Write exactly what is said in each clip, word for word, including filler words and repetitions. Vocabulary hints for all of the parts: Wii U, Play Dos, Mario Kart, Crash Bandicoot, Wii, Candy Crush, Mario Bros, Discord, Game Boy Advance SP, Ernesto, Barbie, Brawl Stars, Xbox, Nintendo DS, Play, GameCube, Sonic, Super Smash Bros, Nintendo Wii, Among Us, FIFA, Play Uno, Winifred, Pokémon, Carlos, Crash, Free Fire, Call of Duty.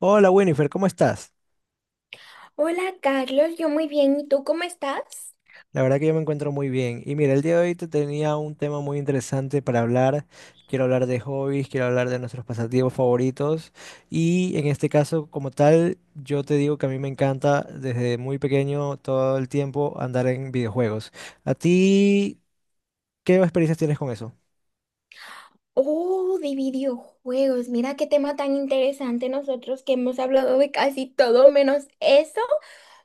Hola Winifred, ¿cómo estás? Hola Carlos, yo muy bien, ¿y tú cómo estás? La verdad que yo me encuentro muy bien. Y mira, el día de hoy te tenía un tema muy interesante para hablar. Quiero hablar de hobbies, quiero hablar de nuestros pasatiempos favoritos. Y en este caso, como tal, yo te digo que a mí me encanta desde muy pequeño todo el tiempo andar en videojuegos. ¿A ti qué experiencias tienes con eso? Oh, de videojuegos. Mira qué tema tan interesante nosotros que hemos hablado de casi todo menos eso.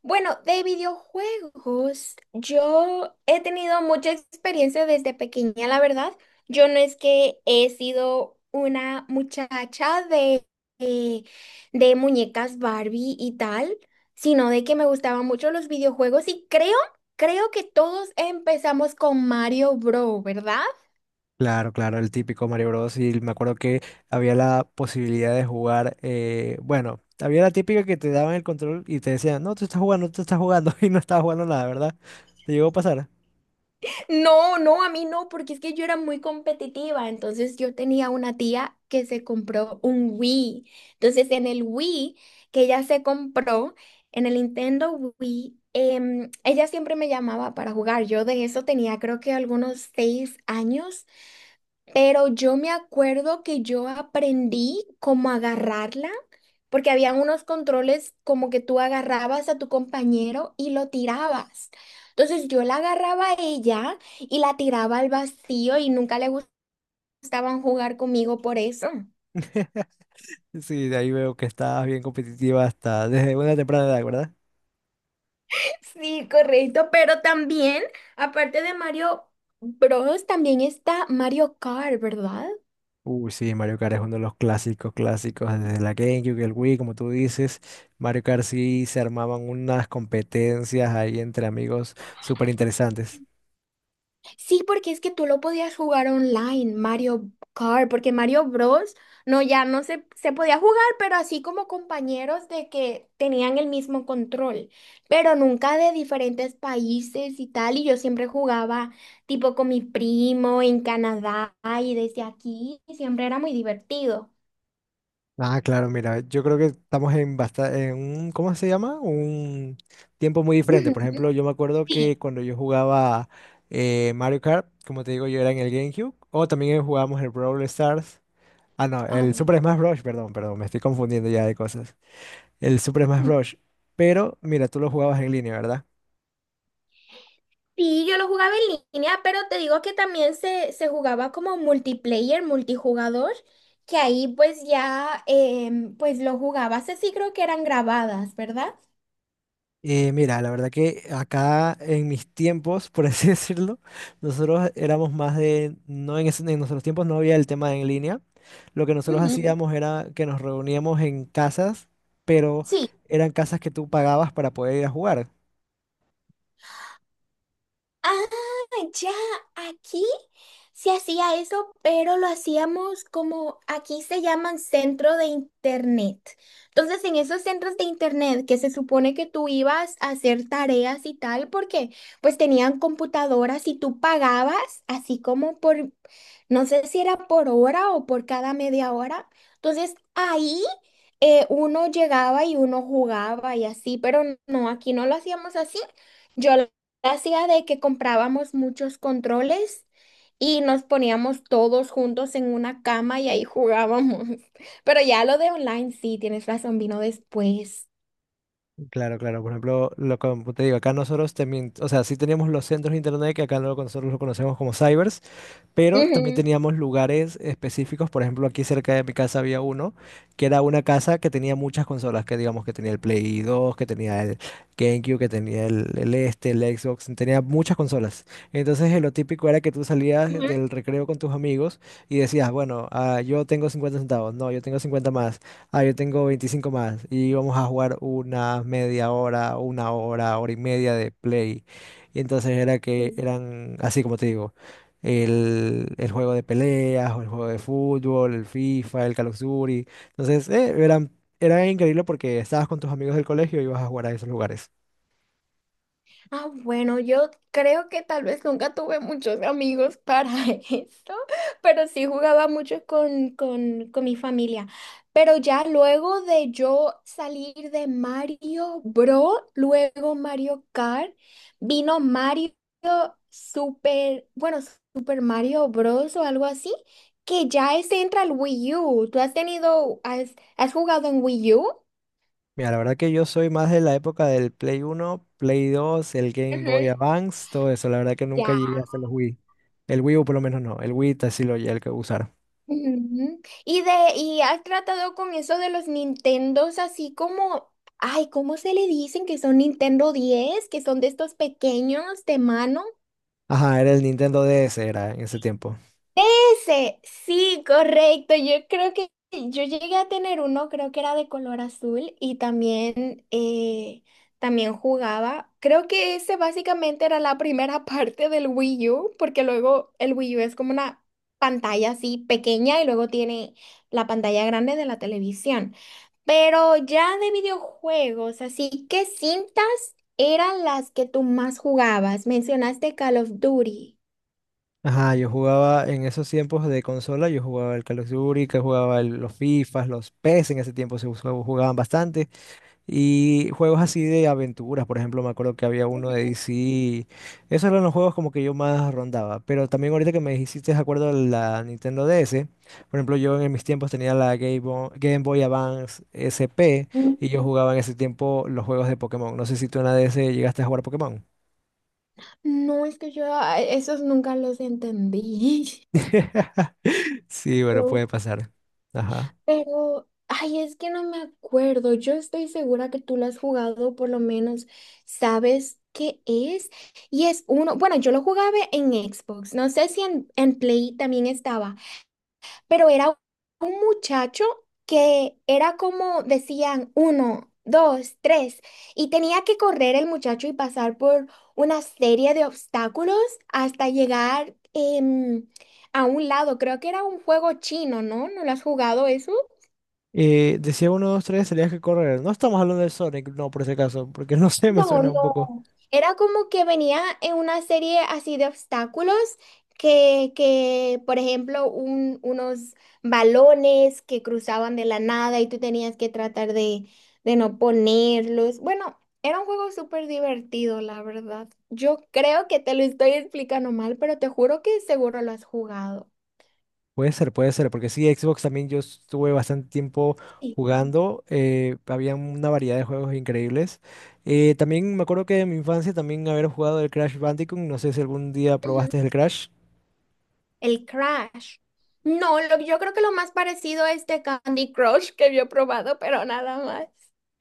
Bueno, de videojuegos, yo he tenido mucha experiencia desde pequeña, la verdad. Yo no es que he sido una muchacha de, de, de muñecas Barbie y tal, sino de que me gustaban mucho los videojuegos y creo, creo que todos empezamos con Mario Bros, ¿verdad? Claro, claro, el típico Mario Bros. Y me acuerdo que había la posibilidad de jugar, eh, bueno, había la típica que te daban el control y te decían, no, tú estás jugando, tú estás jugando y no estabas jugando nada, ¿verdad? ¿Te llegó a pasar? No, no, a mí no, porque es que yo era muy competitiva. Entonces yo tenía una tía que se compró un Wii. Entonces en el Wii que ella se compró, en el Nintendo Wii, em, ella siempre me llamaba para jugar. Yo de eso tenía creo que algunos seis años, pero yo me acuerdo que yo aprendí cómo agarrarla, porque habían unos controles como que tú agarrabas a tu compañero y lo tirabas. Entonces yo la agarraba a ella y la tiraba al vacío y nunca le gustaban jugar conmigo por eso. Sí, de ahí veo que estabas bien competitiva hasta desde una temprana edad, ¿verdad? Sí, correcto, pero también, aparte de Mario Bros, también está Mario Kart, ¿verdad? Uy, sí, Mario Kart es uno de los clásicos, clásicos, desde la GameCube, el Wii, como tú dices, Mario Kart sí se armaban unas competencias ahí entre amigos súper interesantes. Sí, porque es que tú lo podías jugar online, Mario Kart, porque Mario Bros. No, ya no se, se podía jugar, pero así como compañeros de que tenían el mismo control, pero nunca de diferentes países y tal, y yo siempre jugaba tipo con mi primo en Canadá y desde aquí, y siempre era muy divertido. Ah, claro, mira, yo creo que estamos en, basta en un, ¿cómo se llama? Un tiempo muy diferente. Ujú. Por ejemplo, yo me acuerdo Sí. que cuando yo jugaba eh, Mario Kart, como te digo, yo era en el GameCube, o también jugábamos el Brawl Stars. Ah, no, Ah, el bueno. Super Smash Bros. Perdón, perdón, me estoy confundiendo ya de cosas. El Super Smash Bros. Pero, mira, tú lo jugabas en línea, ¿verdad? Sí, yo lo jugaba en línea, pero te digo que también se, se jugaba como multiplayer, multijugador, que ahí pues ya em, pues lo jugabas así, creo que eran grabadas, ¿verdad? Eh, mira, la verdad que acá en mis tiempos, por así decirlo, nosotros éramos más de, no en, ese- en nuestros tiempos no había el tema de en línea. Lo que nosotros Ujú. hacíamos era que nos reuníamos en casas, pero Sí, eran casas que tú pagabas para poder ir a jugar. ah, ya, aquí se hacía eso, pero lo hacíamos como aquí se llaman centro de internet. Entonces, en esos centros de internet que se supone que tú ibas a hacer tareas y tal, porque pues tenían computadoras y tú pagabas así como por, no sé si era por hora o por cada media hora. Entonces, ahí eh, uno llegaba y uno jugaba y así, pero no, aquí no lo hacíamos así. Yo hacía de que comprábamos muchos controles y nos poníamos todos juntos en una cama y ahí jugábamos. Pero ya lo de online, sí, tienes razón, vino después. Claro, claro. Por ejemplo, lo como te digo, acá nosotros también, o sea, sí teníamos los centros de internet, que acá lo- nosotros lo conocemos como cybers. Pero también Ujú. teníamos lugares específicos. Por ejemplo, aquí cerca de mi casa había uno, que era una casa que tenía muchas consolas, que digamos que tenía el Play dos, que tenía el GameCube, que tenía el, el este, el Xbox, tenía muchas consolas. Entonces eh, lo típico era que tú salías del recreo con tus amigos y decías, bueno, ah, yo tengo cincuenta centavos, no, yo tengo cincuenta más, ah, yo tengo veinticinco más, y íbamos a jugar una media hora, una hora, hora y media de Play. Y entonces era que Ujú. eran, así como te digo, el, el juego de peleas, o el juego de fútbol, el FIFA, el Call of Duty. Entonces, eh, era, era increíble porque estabas con tus amigos del colegio y ibas a jugar a esos lugares. Ah, bueno, yo creo que tal vez nunca tuve muchos amigos para esto, pero sí jugaba mucho con, con, con mi familia. Pero ya luego de yo salir de Mario Bros, luego Mario Kart, vino Mario Super, bueno, Super Mario Bros o algo así, que ya ese entra al Wii U. ¿Tú has tenido, has, has jugado en Wii U? Mira, la verdad que yo soy más de la época del Play Uno, Play Dos, el Game Ujú. Boy Advance, todo eso. La verdad que nunca Ya. llegué hasta los Wii. El Wii U por lo menos no, el Wii sí lo llegué a usar. Ujú. Y de, y has tratado con eso de los Nintendos, así como, ay, ¿cómo se le dicen que son Nintendo diez, que son de estos pequeños de mano? Ajá, era el Nintendo D S, era en ese tiempo. Ese, sí, correcto. Yo creo que yo llegué a tener uno, creo que era de color azul y también, eh, también jugaba. Creo que ese básicamente era la primera parte del Wii U, porque luego el Wii U es como una pantalla así pequeña y luego tiene la pantalla grande de la televisión. Pero ya de videojuegos, así qué cintas eran las que tú más jugabas. Mencionaste Call of Duty. Ajá, yo jugaba en esos tiempos de consola, yo jugaba el Call of Duty, que jugaba el- los FIFAs, los P E S en ese tiempo se us- jugaban bastante. Y juegos así de aventuras, por ejemplo, me acuerdo que había uno de D C. Esos eran los juegos como que yo más rondaba. Pero también ahorita que me hiciste de acuerdo a la Nintendo D S, por ejemplo, yo en mis tiempos tenía la Game Bo- Game Boy Advance S P Mm. y yo jugaba en ese tiempo los juegos de Pokémon. No sé si tú en la D S llegaste a jugar Pokémon. No, es que yo ah, esos nunca los entendí. Sí, bueno, Lo- puede pasar. Ajá. Pero, ay, es que no me acuerdo. Yo estoy segura que tú lo has jugado, por lo menos sabes qué es. Y es uno, bueno, yo lo jugaba en Xbox. No sé si en, en Play también estaba, pero era un muchacho que era como decían uno, dos, tres, y tenía que correr el muchacho y pasar por una serie de obstáculos hasta llegar em, a un lado. Creo que era un juego chino, ¿no? ¿No lo has jugado eso? Eh, decía uno, dos, tres, tenías que correr. No estamos hablando de Sonic, no, por ese caso, porque no sé, me No, suena no. un poco. Era como que venía en una serie así de obstáculos que, que por ejemplo, un- unos balones que cruzaban de la nada y tú tenías que tratar de, de no ponerlos. Bueno, era un juego súper divertido, la verdad. Yo creo que te lo estoy explicando mal, pero te juro que seguro lo has jugado. Puede ser, puede ser, porque sí, Xbox también yo estuve bastante tiempo Sí. jugando, eh, había una variedad de juegos increíbles. Eh, también me acuerdo que en mi infancia también haber jugado el Crash Bandicoot, no sé si algún día Ujú. probaste el Crash. El Crash. No, lo- yo creo que lo más parecido es este Candy Crush que yo he probado, pero nada más.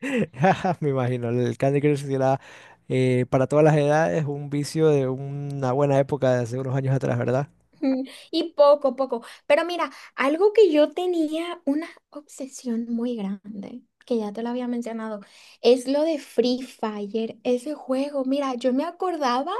Me imagino, el Candy Crush sí era, eh, para todas las edades, un vicio de una buena época de hace unos años atrás, ¿verdad? Mm. Y poco, poco. Pero mira, algo que yo tenía una obsesión muy grande, que ya te lo había mencionado, es lo de Free Fire, ese juego. Mira, yo me acordaba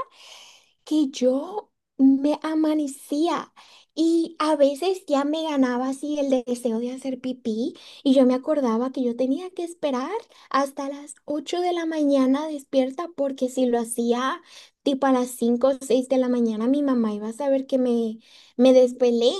que yo me amanecía y a veces ya me ganaba así el deseo de hacer pipí y yo me acordaba que yo tenía que esperar hasta las ocho de la mañana despierta porque si lo hacía tipo a las cinco o seis de la mañana mi mamá iba a saber que me, me desvelé.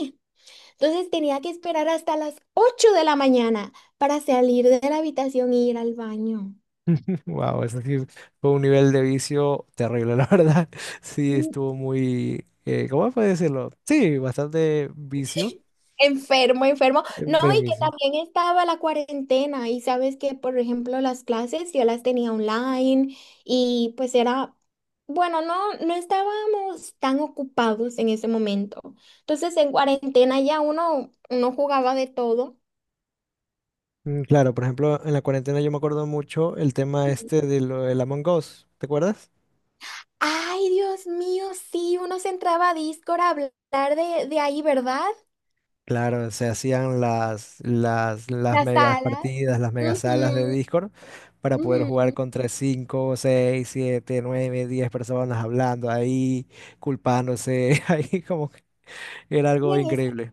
Entonces tenía que esperar hasta las ocho de la mañana para salir de la habitación e ir al baño. Wow, eso sí fue un nivel de vicio terrible, la verdad. Sí, estuvo muy, eh, ¿cómo puede decirlo? Sí, bastante vicio, Enfermo, enfermo. eh, No, pero y que vicio. también estaba la cuarentena y sabes que, por ejemplo, las clases yo las tenía online y pues era, bueno, no, no estábamos tan ocupados en ese momento. Entonces, en cuarentena ya uno, uno jugaba de todo. Mm, claro, por ejemplo, en la cuarentena yo me acuerdo mucho el tema Y, este de lo del Among Us, ¿te acuerdas? Ay, Dios mío, sí, uno se entraba a Discord a hablar de, de ahí, ¿verdad? Claro, se hacían las, las, las, La megas sala. partidas, las megas salas de Ujú, Discord para poder jugar ujú. contra cinco, seis, siete, nueve, diez personas hablando ahí, culpándose. Ahí como que era algo Y increíble.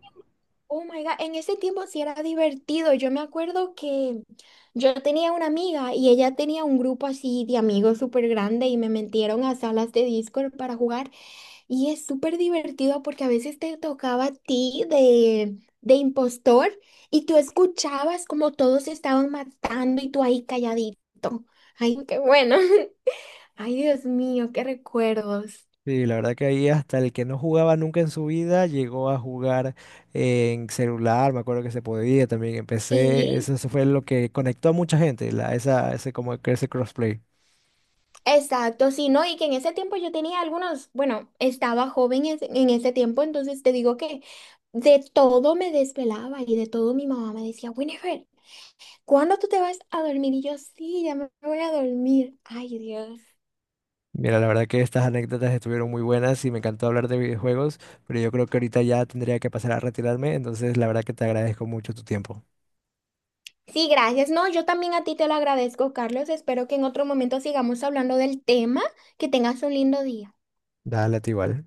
oh my God, en ese tiempo sí era divertido. Yo me acuerdo que yo tenía una amiga y ella tenía un grupo así de amigos súper grande y me metieron a salas de Discord para jugar. Y es súper divertido porque a veces te tocaba a ti de, de impostor y tú escuchabas como todos se estaban matando y tú ahí calladito. Ay, qué bueno. Ay, Dios mío, qué recuerdos. Sí, la verdad que ahí hasta el que no jugaba nunca en su vida llegó a jugar en celular, me acuerdo que se podía también, empecé, Sí. eso eso fue lo que conectó a mucha gente, la, esa, ese como que ese crossplay. Exacto, sí, ¿no? Y que en ese tiempo yo tenía algunos, bueno, estaba joven es- en ese tiempo, entonces te digo que de todo me desvelaba y de todo mi mamá me decía, Winifred, ¿cuándo tú te vas a dormir? Y yo, sí, ya me voy a dormir. Ay, Dios. Mira, la verdad que estas anécdotas estuvieron muy buenas y me encantó hablar de videojuegos, pero yo creo que ahorita ya tendría que pasar a retirarme, entonces la verdad que te agradezco mucho tu tiempo. Sí, gracias. No, yo también a ti te lo agradezco, Carlos. Espero que en otro momento sigamos hablando del tema. Que tengas un lindo día. Dale, a ti igual.